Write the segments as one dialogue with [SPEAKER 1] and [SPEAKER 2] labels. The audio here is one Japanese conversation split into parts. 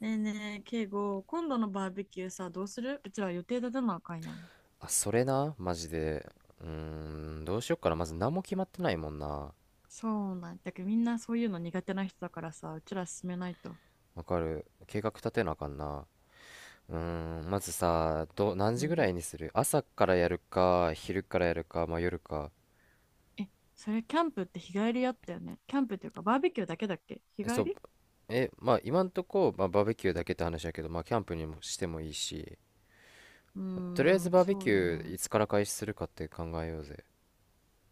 [SPEAKER 1] ねえねえ、敬語、今度のバーベキューさ、どうするうちら予定立てなあかんやん。
[SPEAKER 2] あ、それな、マジで。うーどうしよっかな。まず何も決まってないもんな。
[SPEAKER 1] そうなんだけど、みんなそういうの苦手な人だからさ、うちら進めないと。
[SPEAKER 2] わかる。計画立てなあかんな。まずさ、何
[SPEAKER 1] う
[SPEAKER 2] 時ぐ
[SPEAKER 1] ん。
[SPEAKER 2] らいにする？朝からやるか、昼からやるか、まあ夜か。
[SPEAKER 1] え、それキャンプって日帰りやったよね。キャンプっていうか、バーベキューだけだっけ日
[SPEAKER 2] そ
[SPEAKER 1] 帰
[SPEAKER 2] う、
[SPEAKER 1] り？
[SPEAKER 2] まあ今んとこ、まあ、バーベキューだけって話やけど、まあキャンプにもしてもいいし、
[SPEAKER 1] うー
[SPEAKER 2] とりあえずバーベ
[SPEAKER 1] そ
[SPEAKER 2] キ
[SPEAKER 1] うだ
[SPEAKER 2] ュー
[SPEAKER 1] ね。
[SPEAKER 2] いつから開始するかって考えようぜ。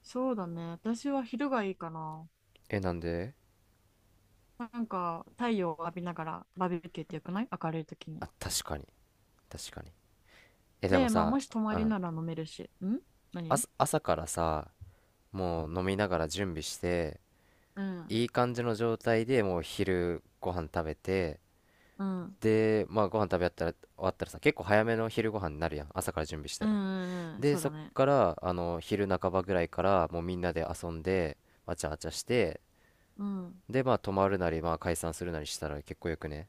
[SPEAKER 1] そうだね。私は昼がいいかな。
[SPEAKER 2] なんで？
[SPEAKER 1] なんか、太陽を浴びながらバーベキューってよくない？明るい時に。
[SPEAKER 2] あ、確かに、確かに。でも
[SPEAKER 1] で、まあ、
[SPEAKER 2] さ、
[SPEAKER 1] もし泊ま
[SPEAKER 2] う
[SPEAKER 1] り
[SPEAKER 2] ん、
[SPEAKER 1] なら飲めるし。ん？何？
[SPEAKER 2] 朝からさ、もう飲みながら準備して、
[SPEAKER 1] うん。
[SPEAKER 2] いい感じの状態でもう昼ご飯食べて、
[SPEAKER 1] うん。うん
[SPEAKER 2] でまあご飯食べ終わったらさ結構早めの昼ご飯になるやん、朝から準備した
[SPEAKER 1] う
[SPEAKER 2] ら。
[SPEAKER 1] んうん。
[SPEAKER 2] で
[SPEAKER 1] そう
[SPEAKER 2] そ
[SPEAKER 1] だ
[SPEAKER 2] っ
[SPEAKER 1] ね。
[SPEAKER 2] から昼半ばぐらいからもうみんなで遊んで、わちゃわちゃして、
[SPEAKER 1] うん。
[SPEAKER 2] でまあ泊まるなりまあ解散するなりしたら結構よくね？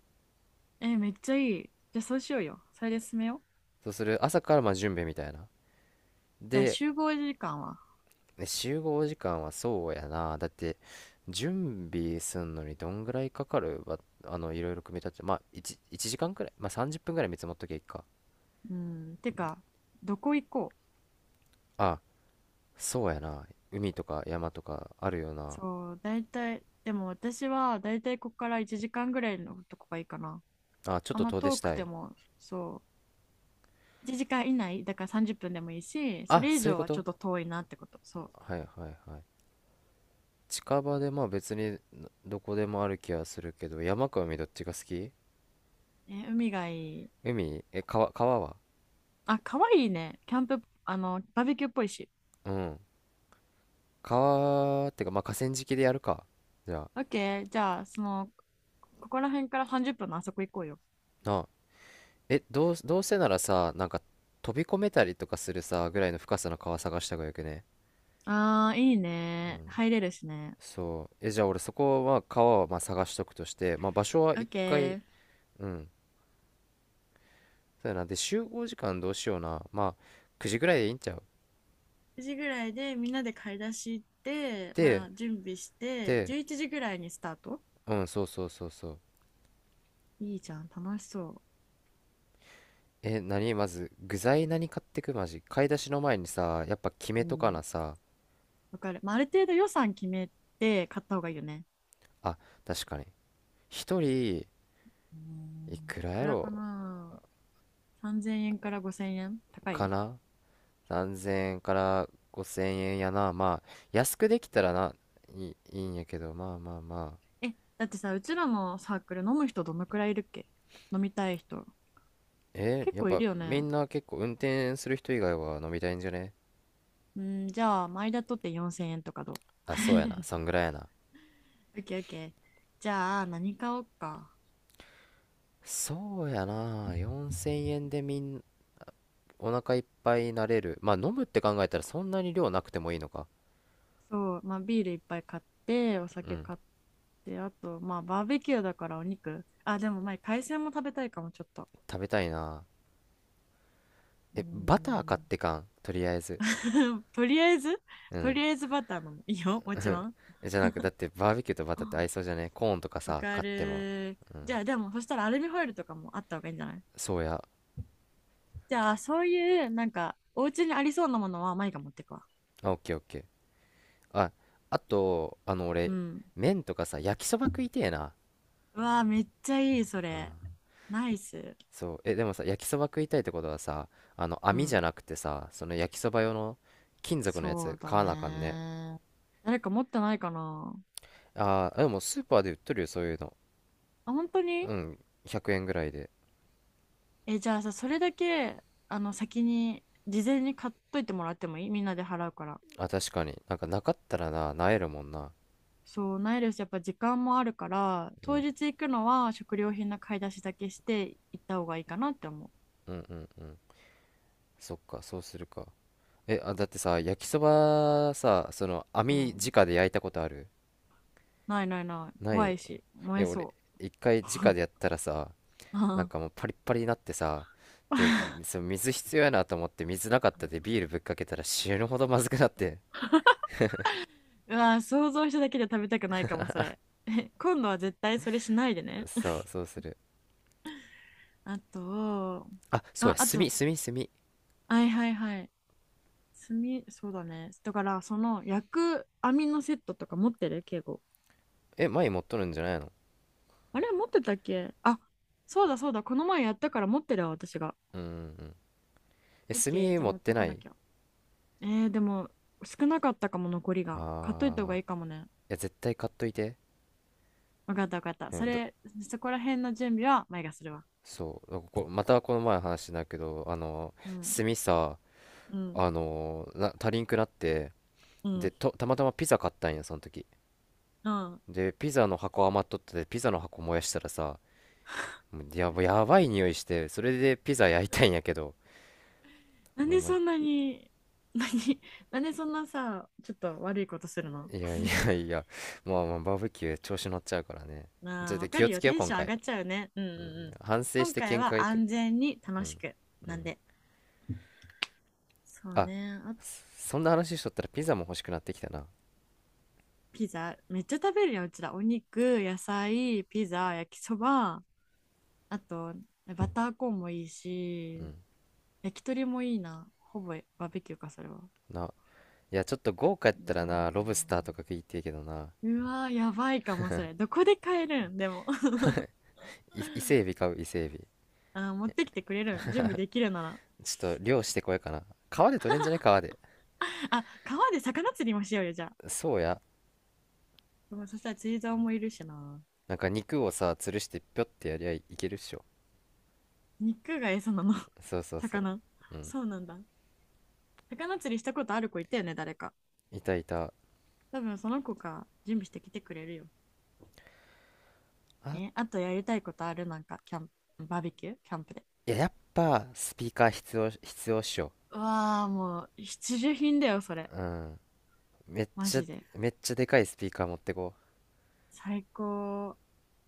[SPEAKER 1] え、めっちゃいい。じゃあそうしようよ。それで進めよう。
[SPEAKER 2] そうする？朝からまあ準備みたいな。
[SPEAKER 1] じゃあ
[SPEAKER 2] で、
[SPEAKER 1] 集合時間は？
[SPEAKER 2] ね集合時間は？そうやな。だって準備すんのにどんぐらいかかるわ、いろいろ組み立てて、まあ 1, 時間くらい、まあ30分くらい見積もっときゃいいか。
[SPEAKER 1] うん。てか、どこ行こう？
[SPEAKER 2] あ、そうやな。海とか山とかあるよな。
[SPEAKER 1] そう、大体、でも私は大体ここから1時間ぐらいのとこがいいかな。
[SPEAKER 2] あ、ちょっ
[SPEAKER 1] あん
[SPEAKER 2] と
[SPEAKER 1] ま
[SPEAKER 2] 遠出
[SPEAKER 1] 遠
[SPEAKER 2] し
[SPEAKER 1] く
[SPEAKER 2] た
[SPEAKER 1] て
[SPEAKER 2] い。
[SPEAKER 1] も、そう、1時間以内、だから30分でもいいし、そ
[SPEAKER 2] あ、
[SPEAKER 1] れ以
[SPEAKER 2] そういう
[SPEAKER 1] 上
[SPEAKER 2] こ
[SPEAKER 1] はちょ
[SPEAKER 2] と？
[SPEAKER 1] っと遠いなってこと。そう。
[SPEAKER 2] はいはいはい。近場でまあ別にどこでもある気はするけど、山か海どっちが好き？
[SPEAKER 1] え、海がいい。
[SPEAKER 2] 海？川は？
[SPEAKER 1] あ、かわいいね。キャンプ、あの、バーベキューっぽいし。
[SPEAKER 2] うん。川ってかまあ河川敷でやるか。じゃあ、
[SPEAKER 1] オッケー。じゃあ、その、ここら辺から30分のあそこ行こうよ。
[SPEAKER 2] なあ。どうせならさ、なんか飛び込めたりとかするさ、ぐらいの深さの川探した方がよくね？
[SPEAKER 1] あー、いいね。入れるしね。
[SPEAKER 2] そう。じゃあ俺そこは、川はまあ探しとくとして、まあ場所は
[SPEAKER 1] オッ
[SPEAKER 2] 一
[SPEAKER 1] ケ
[SPEAKER 2] 回、
[SPEAKER 1] ー。
[SPEAKER 2] うん、そうやな。で、集合時間どうしような。まあ、9時ぐらいでいいんちゃう？
[SPEAKER 1] 9時ぐらいでみんなで買い出し行って、ま
[SPEAKER 2] で、
[SPEAKER 1] あ、準備して
[SPEAKER 2] で、
[SPEAKER 1] 11時ぐらいにスタート。
[SPEAKER 2] うん、そうそうそうそう。
[SPEAKER 1] いいじゃん楽しそ
[SPEAKER 2] 何まず、具材何買ってくマジ。買い出しの前にさ、やっぱ決
[SPEAKER 1] う。う
[SPEAKER 2] めとかな
[SPEAKER 1] ん、
[SPEAKER 2] さ。
[SPEAKER 1] わかる、まあ、ある程度予算決めて買った方がいいよね。
[SPEAKER 2] あ、確かに。一人、
[SPEAKER 1] う
[SPEAKER 2] い
[SPEAKER 1] ん、い
[SPEAKER 2] くら
[SPEAKER 1] く
[SPEAKER 2] や
[SPEAKER 1] らか
[SPEAKER 2] ろ
[SPEAKER 1] な。3000円から5000円高
[SPEAKER 2] か
[SPEAKER 1] い？
[SPEAKER 2] な。何千円から5000円やな。まあ、安くできたらな、いいんやけど、まあまあまあ。
[SPEAKER 1] え、だってさ、うちらのサークル飲む人どのくらいいるっけ？飲みたい人結
[SPEAKER 2] やっ
[SPEAKER 1] 構いる
[SPEAKER 2] ぱ
[SPEAKER 1] よ
[SPEAKER 2] み
[SPEAKER 1] ね。
[SPEAKER 2] んな結構運転する人以外は飲みたいんじゃね？
[SPEAKER 1] うん、じゃあ前田とって4000円とかどう？
[SPEAKER 2] あ、そうやな。そんぐらいやな。
[SPEAKER 1] オッケーオッケー。じゃあ何買おうか？
[SPEAKER 2] そうやな、4000円で、お腹いっぱいになれる、まあ飲むって考えたらそんなに量なくてもいいのか。
[SPEAKER 1] そう、まあ、ビールいっぱい買って、お
[SPEAKER 2] う
[SPEAKER 1] 酒
[SPEAKER 2] ん、
[SPEAKER 1] 買って、あと、まあ、バーベキューだからお肉。あ、でも、まあ海鮮も食べたいかも、ちょっと。
[SPEAKER 2] 食べたいな。
[SPEAKER 1] うー
[SPEAKER 2] バター買っ
[SPEAKER 1] ん。
[SPEAKER 2] てかんとりあえず。
[SPEAKER 1] とりあえず、
[SPEAKER 2] う
[SPEAKER 1] と
[SPEAKER 2] ん。
[SPEAKER 1] りあえずバター飲む。いいよ、もちろん。
[SPEAKER 2] じゃなくだってバーベキューとバターって合
[SPEAKER 1] あ、
[SPEAKER 2] いそうじゃね？コーンとか
[SPEAKER 1] わ
[SPEAKER 2] さ
[SPEAKER 1] か
[SPEAKER 2] 買っても。
[SPEAKER 1] る。
[SPEAKER 2] うん。
[SPEAKER 1] じゃあ、でも、そしたらアルミホイルとかもあった方がいいんじゃない？
[SPEAKER 2] そうや。
[SPEAKER 1] じゃあ、そういう、なんか、お家にありそうなものは、マイが持ってくわ。
[SPEAKER 2] あ、オッケーオッケー。あ、あと
[SPEAKER 1] う
[SPEAKER 2] 俺、
[SPEAKER 1] ん。
[SPEAKER 2] 麺とかさ焼きそば食いてえな。
[SPEAKER 1] うわあ、めっちゃいい、そ
[SPEAKER 2] うん。
[SPEAKER 1] れ。ナイス。
[SPEAKER 2] そう。でもさ焼きそば食いたいってことはさ、あの
[SPEAKER 1] う
[SPEAKER 2] 網じゃ
[SPEAKER 1] ん。
[SPEAKER 2] なくてさ、その焼きそば用の金属のや
[SPEAKER 1] そう
[SPEAKER 2] つ
[SPEAKER 1] だ
[SPEAKER 2] 買わなあかんね。
[SPEAKER 1] ね。誰か持ってないかな？
[SPEAKER 2] ああ、でもスーパーで売っとるよ、そういうの。
[SPEAKER 1] あ、本当に？
[SPEAKER 2] うん、100円ぐらいで。
[SPEAKER 1] え、じゃあさ、それだけ、あの、先に、事前に買っといてもらってもいい？みんなで払うから。
[SPEAKER 2] あ、確かに。なんかなかったらな、なえるもんな。
[SPEAKER 1] そう、ないです。やっぱ時間もあるから、
[SPEAKER 2] う
[SPEAKER 1] 当
[SPEAKER 2] ん、
[SPEAKER 1] 日行くのは食料品の買い出しだけして行った方がいいかなって思
[SPEAKER 2] うん、うん、うん。そっか、そうするか。あ、だってさ、焼きそばさ、その、
[SPEAKER 1] う。う
[SPEAKER 2] 網
[SPEAKER 1] ん。
[SPEAKER 2] 直で焼いたことある？
[SPEAKER 1] ないないない。
[SPEAKER 2] な
[SPEAKER 1] 怖
[SPEAKER 2] い？
[SPEAKER 1] いし、燃え
[SPEAKER 2] 俺、
[SPEAKER 1] そ
[SPEAKER 2] 一回直
[SPEAKER 1] う。
[SPEAKER 2] でやっ たらさ、
[SPEAKER 1] う
[SPEAKER 2] なん
[SPEAKER 1] ん。
[SPEAKER 2] かもうパリッパリになってさ、で、その水必要やなと思って、水なかったでビールぶっかけたら死ぬほどまずくなって。
[SPEAKER 1] うわ、想像しただけで食べたくないかも、それ。え、今度は絶対それしないでね。
[SPEAKER 2] そう、そうする。
[SPEAKER 1] あと、
[SPEAKER 2] あ、そう
[SPEAKER 1] あ、
[SPEAKER 2] や、
[SPEAKER 1] あ
[SPEAKER 2] 炭、
[SPEAKER 1] と、
[SPEAKER 2] 炭、炭。
[SPEAKER 1] はいはいはい。炭、そうだね。だから、その焼く網のセットとか持ってる敬語？
[SPEAKER 2] 前持っとるんじゃないの？
[SPEAKER 1] あれ持ってたっけ？あ、そうだそうだ。この前やったから持ってるわ、私が。
[SPEAKER 2] うん、うんうん。
[SPEAKER 1] オッ
[SPEAKER 2] 炭
[SPEAKER 1] ケー、じゃあ
[SPEAKER 2] 持っ
[SPEAKER 1] 持って
[SPEAKER 2] て
[SPEAKER 1] こ
[SPEAKER 2] な
[SPEAKER 1] な
[SPEAKER 2] い？
[SPEAKER 1] きゃ。えー、でも、少なかったかも、残りが。買っといた方
[SPEAKER 2] あー、
[SPEAKER 1] が
[SPEAKER 2] い
[SPEAKER 1] いいかもね。
[SPEAKER 2] や、絶対買っといて。
[SPEAKER 1] わかったわかった。
[SPEAKER 2] う
[SPEAKER 1] そ
[SPEAKER 2] ん、
[SPEAKER 1] れ、そこら辺の準備は前がするわ。
[SPEAKER 2] そう、またこの前の話だけど、
[SPEAKER 1] うん。
[SPEAKER 2] 炭さ、
[SPEAKER 1] うん。
[SPEAKER 2] 足りんくなって、
[SPEAKER 1] う
[SPEAKER 2] で、
[SPEAKER 1] ん。
[SPEAKER 2] たまたまピザ買ったんや、その時。
[SPEAKER 1] うん。
[SPEAKER 2] で、ピザの箱余っとって、ピザの箱燃やしたらさ、もうやばい匂いして、それでピザ焼いたんやけど、
[SPEAKER 1] なん
[SPEAKER 2] もう
[SPEAKER 1] で
[SPEAKER 2] い
[SPEAKER 1] そんなに、何、なんでそんなさ、ちょっと悪いことするの？
[SPEAKER 2] やい やいや、まあまあ、バーベキュー調子乗っちゃうからね。ち
[SPEAKER 1] まあ
[SPEAKER 2] ょっ
[SPEAKER 1] ー、
[SPEAKER 2] と
[SPEAKER 1] わか
[SPEAKER 2] 気を
[SPEAKER 1] る
[SPEAKER 2] つ
[SPEAKER 1] よ。
[SPEAKER 2] けよう、
[SPEAKER 1] テン
[SPEAKER 2] 今
[SPEAKER 1] ション上
[SPEAKER 2] 回。
[SPEAKER 1] がっちゃうよね。うんうんうん。
[SPEAKER 2] 反省し
[SPEAKER 1] 今
[SPEAKER 2] て
[SPEAKER 1] 回
[SPEAKER 2] 見
[SPEAKER 1] は
[SPEAKER 2] 解、
[SPEAKER 1] 安全に
[SPEAKER 2] う
[SPEAKER 1] 楽
[SPEAKER 2] ん、
[SPEAKER 1] しく。
[SPEAKER 2] う
[SPEAKER 1] な
[SPEAKER 2] ん。
[SPEAKER 1] んで。そう
[SPEAKER 2] あ、
[SPEAKER 1] ね。あ、
[SPEAKER 2] そんな話しとったらピザも欲しくなってきたな。
[SPEAKER 1] ピザ。めっちゃ食べるよ、うちら。お肉、野菜、ピザ、焼きそば。あと、バターコーンもいい
[SPEAKER 2] う
[SPEAKER 1] し、
[SPEAKER 2] ん。
[SPEAKER 1] 焼き鳥もいいな。ほぼバーベキューか、それは。
[SPEAKER 2] な、いや、ちょっと豪華やったらな、ロブス
[SPEAKER 1] な
[SPEAKER 2] ターとか食いてえけどな。
[SPEAKER 1] ーうわー、やばいかも、それ。どこで買えるん？でも。
[SPEAKER 2] 伊勢エビ買う、伊勢エビ。
[SPEAKER 1] あー、持ってきてくれるん？準備できるなら。
[SPEAKER 2] ちょっと漁してこようかな。川で取れんじゃね、川で。
[SPEAKER 1] あ、川で魚釣りもしようよ、じゃあ。
[SPEAKER 2] そうや。
[SPEAKER 1] でもそしたら釣り竿もいるしな。
[SPEAKER 2] なんか肉をさ、吊るしてぴょってやりゃいいけるっしょ。
[SPEAKER 1] 肉が餌なの？
[SPEAKER 2] そうそうそう。
[SPEAKER 1] 魚、
[SPEAKER 2] うん。
[SPEAKER 1] そうなんだ。魚釣りしたことある子いたよね、誰か。
[SPEAKER 2] いたいた。
[SPEAKER 1] 多分その子が準備してきてくれるよ。
[SPEAKER 2] あ、
[SPEAKER 1] え、あとやりたいことある？なんかキャンプ、バーベキュー、キャンプで。
[SPEAKER 2] いや、やっぱスピーカー必要、必要っしょ。
[SPEAKER 1] うわあ、もう必需品だよそれ。
[SPEAKER 2] うん。めっ
[SPEAKER 1] マ
[SPEAKER 2] ちゃ、
[SPEAKER 1] ジで
[SPEAKER 2] めっちゃでかいスピーカー持ってこ
[SPEAKER 1] 最高。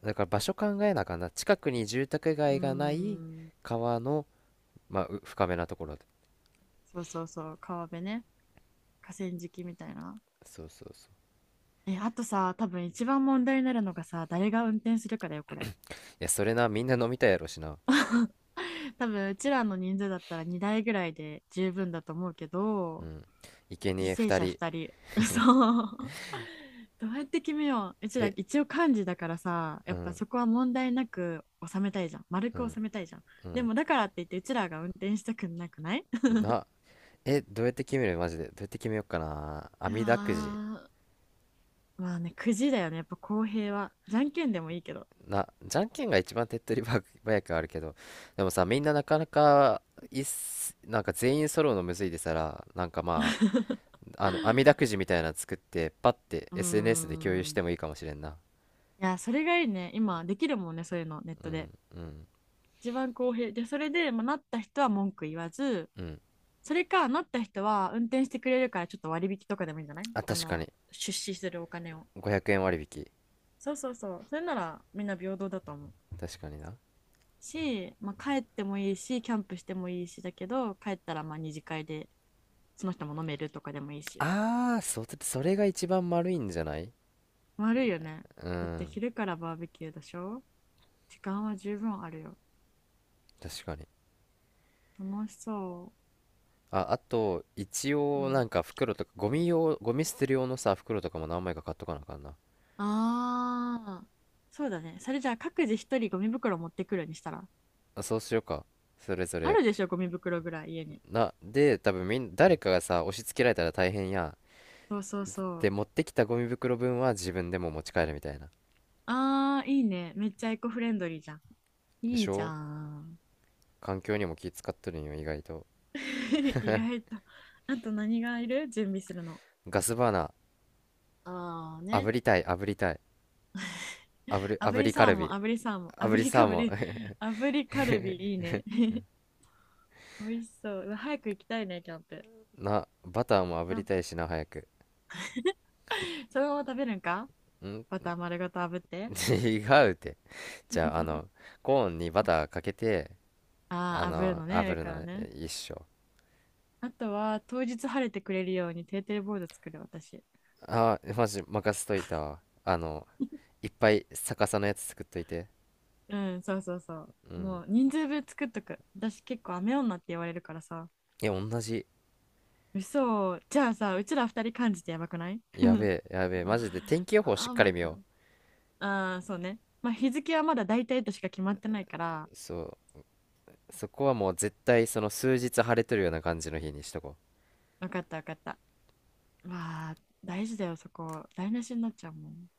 [SPEAKER 2] う。だから場所考えなあかんな。近くに住宅
[SPEAKER 1] うー
[SPEAKER 2] 街がない、
[SPEAKER 1] ん、
[SPEAKER 2] 川の、まあ深めなところで。
[SPEAKER 1] そうそうそう、川辺ね。河川敷みたいな。
[SPEAKER 2] そうそうそう。い
[SPEAKER 1] え、あとさ、多分一番問題になるのがさ、誰が運転するかだよこれ。
[SPEAKER 2] や、それな、みんな飲みたいやろしな。
[SPEAKER 1] 多分うちらの人数だったら2台ぐらいで十分だと思うけ
[SPEAKER 2] う
[SPEAKER 1] ど。
[SPEAKER 2] ん、生
[SPEAKER 1] 犠
[SPEAKER 2] 贄
[SPEAKER 1] 牲
[SPEAKER 2] 二
[SPEAKER 1] 者
[SPEAKER 2] 人。
[SPEAKER 1] 2人、そう。 どうやって決めよう？うちら
[SPEAKER 2] え
[SPEAKER 1] 一応漢字だからさ、
[SPEAKER 2] う
[SPEAKER 1] やっぱ
[SPEAKER 2] ん
[SPEAKER 1] そこは問題なく収めたいじゃん、丸
[SPEAKER 2] う
[SPEAKER 1] く
[SPEAKER 2] ん
[SPEAKER 1] 収めたいじゃん。
[SPEAKER 2] う
[SPEAKER 1] で
[SPEAKER 2] ん。
[SPEAKER 1] もだからって言ってうちらが運転したくなくない？
[SPEAKER 2] な、どうやって決めるマジでどうやって決めようかな。
[SPEAKER 1] う
[SPEAKER 2] 網だくじ。
[SPEAKER 1] わ、まあね、くじだよねやっぱ。公平は。じゃんけんでもいいけど。
[SPEAKER 2] な、じゃんけんが一番手っ取り早くあるけど、でもさみんななかなかいっす、なんか全員揃うのむずいでさら、なんかま、ああの網だくじみたいなの作ってパッて
[SPEAKER 1] うー
[SPEAKER 2] SNS で共有して
[SPEAKER 1] ん、
[SPEAKER 2] もいいかもしれんな。
[SPEAKER 1] いや、それがいいね。今できるもんね、そういうのネッ
[SPEAKER 2] う
[SPEAKER 1] ト
[SPEAKER 2] ん
[SPEAKER 1] で。
[SPEAKER 2] うん
[SPEAKER 1] 一番公平で。それで、まあ、なった人は文句言わず。
[SPEAKER 2] うん。
[SPEAKER 1] それかなった人は運転してくれるからちょっと割引とかでもいいんじゃない？
[SPEAKER 2] あ、
[SPEAKER 1] あ
[SPEAKER 2] 確か
[SPEAKER 1] の
[SPEAKER 2] に。
[SPEAKER 1] 出資するお金を。
[SPEAKER 2] 500円割引。
[SPEAKER 1] そうそうそう。それならみんな平等だと思う。
[SPEAKER 2] 確かにな。
[SPEAKER 1] し、まあ、帰ってもいいし、キャンプしてもいいしだけど、帰ったらまあ二次会でその人も飲めるとかでもいいし。
[SPEAKER 2] ああ、それが一番丸いんじゃない？
[SPEAKER 1] 悪いよね。
[SPEAKER 2] う
[SPEAKER 1] だって
[SPEAKER 2] ん、
[SPEAKER 1] 昼からバーベキューでしょ？時間は十分あるよ。
[SPEAKER 2] 確かに。
[SPEAKER 1] 楽しそ
[SPEAKER 2] あ、あと、一
[SPEAKER 1] う。う
[SPEAKER 2] 応、な
[SPEAKER 1] ん。
[SPEAKER 2] んか袋とか、ゴミ用、ゴミ捨てる用のさ、袋とかも何枚か買っとかなあかんな。
[SPEAKER 1] ああ、そうだね。それじゃあ各自一人ゴミ袋持ってくるにしたら？
[SPEAKER 2] あ、そうしようか。それぞ
[SPEAKER 1] あ
[SPEAKER 2] れ。
[SPEAKER 1] るでしょ、ゴミ袋ぐらい家に。
[SPEAKER 2] な、で、多分誰かがさ、押し付けられたら大変やん。
[SPEAKER 1] そうそうそ
[SPEAKER 2] で、
[SPEAKER 1] う。
[SPEAKER 2] 持ってきたゴミ袋分は自分でも持ち帰るみたいな。
[SPEAKER 1] ああ、いいね。めっちゃエコフレンドリーじゃん。
[SPEAKER 2] で
[SPEAKER 1] い
[SPEAKER 2] し
[SPEAKER 1] いじゃ
[SPEAKER 2] ょ？
[SPEAKER 1] ん。
[SPEAKER 2] 環境にも気使っとるんよ、意外と。
[SPEAKER 1] 意外と。あと何がいる？準備するの。
[SPEAKER 2] ガスバーナ
[SPEAKER 1] ああ
[SPEAKER 2] ー、炙
[SPEAKER 1] ね。
[SPEAKER 2] りたい、炙りたい。
[SPEAKER 1] 炙
[SPEAKER 2] 炙
[SPEAKER 1] り
[SPEAKER 2] りカ
[SPEAKER 1] サー
[SPEAKER 2] ル
[SPEAKER 1] モン、
[SPEAKER 2] ビ。
[SPEAKER 1] 炙りサーモン、
[SPEAKER 2] 炙
[SPEAKER 1] 炙
[SPEAKER 2] り
[SPEAKER 1] りか
[SPEAKER 2] サー
[SPEAKER 1] ぶ
[SPEAKER 2] モ
[SPEAKER 1] り、
[SPEAKER 2] ン。
[SPEAKER 1] 炙りカルビいいね。美味しそう。うわ早く行きたいね、キャンプ。
[SPEAKER 2] な、バターも炙
[SPEAKER 1] キャ
[SPEAKER 2] り
[SPEAKER 1] ン
[SPEAKER 2] たい
[SPEAKER 1] プ。
[SPEAKER 2] しな、早く。
[SPEAKER 1] そのまま食べるんか？
[SPEAKER 2] ん。
[SPEAKER 1] バター丸ごと炙って。
[SPEAKER 2] 違うって。じゃあ、コーンにバターかけて、
[SPEAKER 1] ああ、炙るのね、
[SPEAKER 2] 炙
[SPEAKER 1] 上
[SPEAKER 2] る
[SPEAKER 1] か
[SPEAKER 2] の？
[SPEAKER 1] らね。
[SPEAKER 2] 一緒。
[SPEAKER 1] あとは、当日晴れてくれるようにテーテレボード作る、私。
[SPEAKER 2] あー、マジ任せといたわ。いっぱい逆さのやつ作っといて。
[SPEAKER 1] うん、そうそうそ
[SPEAKER 2] う
[SPEAKER 1] う。
[SPEAKER 2] ん。
[SPEAKER 1] もう、人数分作っとく。私結構雨女って言われるからさ。
[SPEAKER 2] いや、同じ。
[SPEAKER 1] 嘘。じゃあさ、うちら二人感じてやばくない？
[SPEAKER 2] やべえ、やべえ。マジで天気予報しっかり
[SPEAKER 1] 雨
[SPEAKER 2] 見
[SPEAKER 1] か。
[SPEAKER 2] よ
[SPEAKER 1] ああ、そうね。まあ、日付はまだ大体としか決まってないから、
[SPEAKER 2] う。そう。そこはもう絶対その数日晴れとるような感じの日にしとこう。
[SPEAKER 1] わかったわかった。わあ、大事だよ、そこ。台無しになっちゃうもん。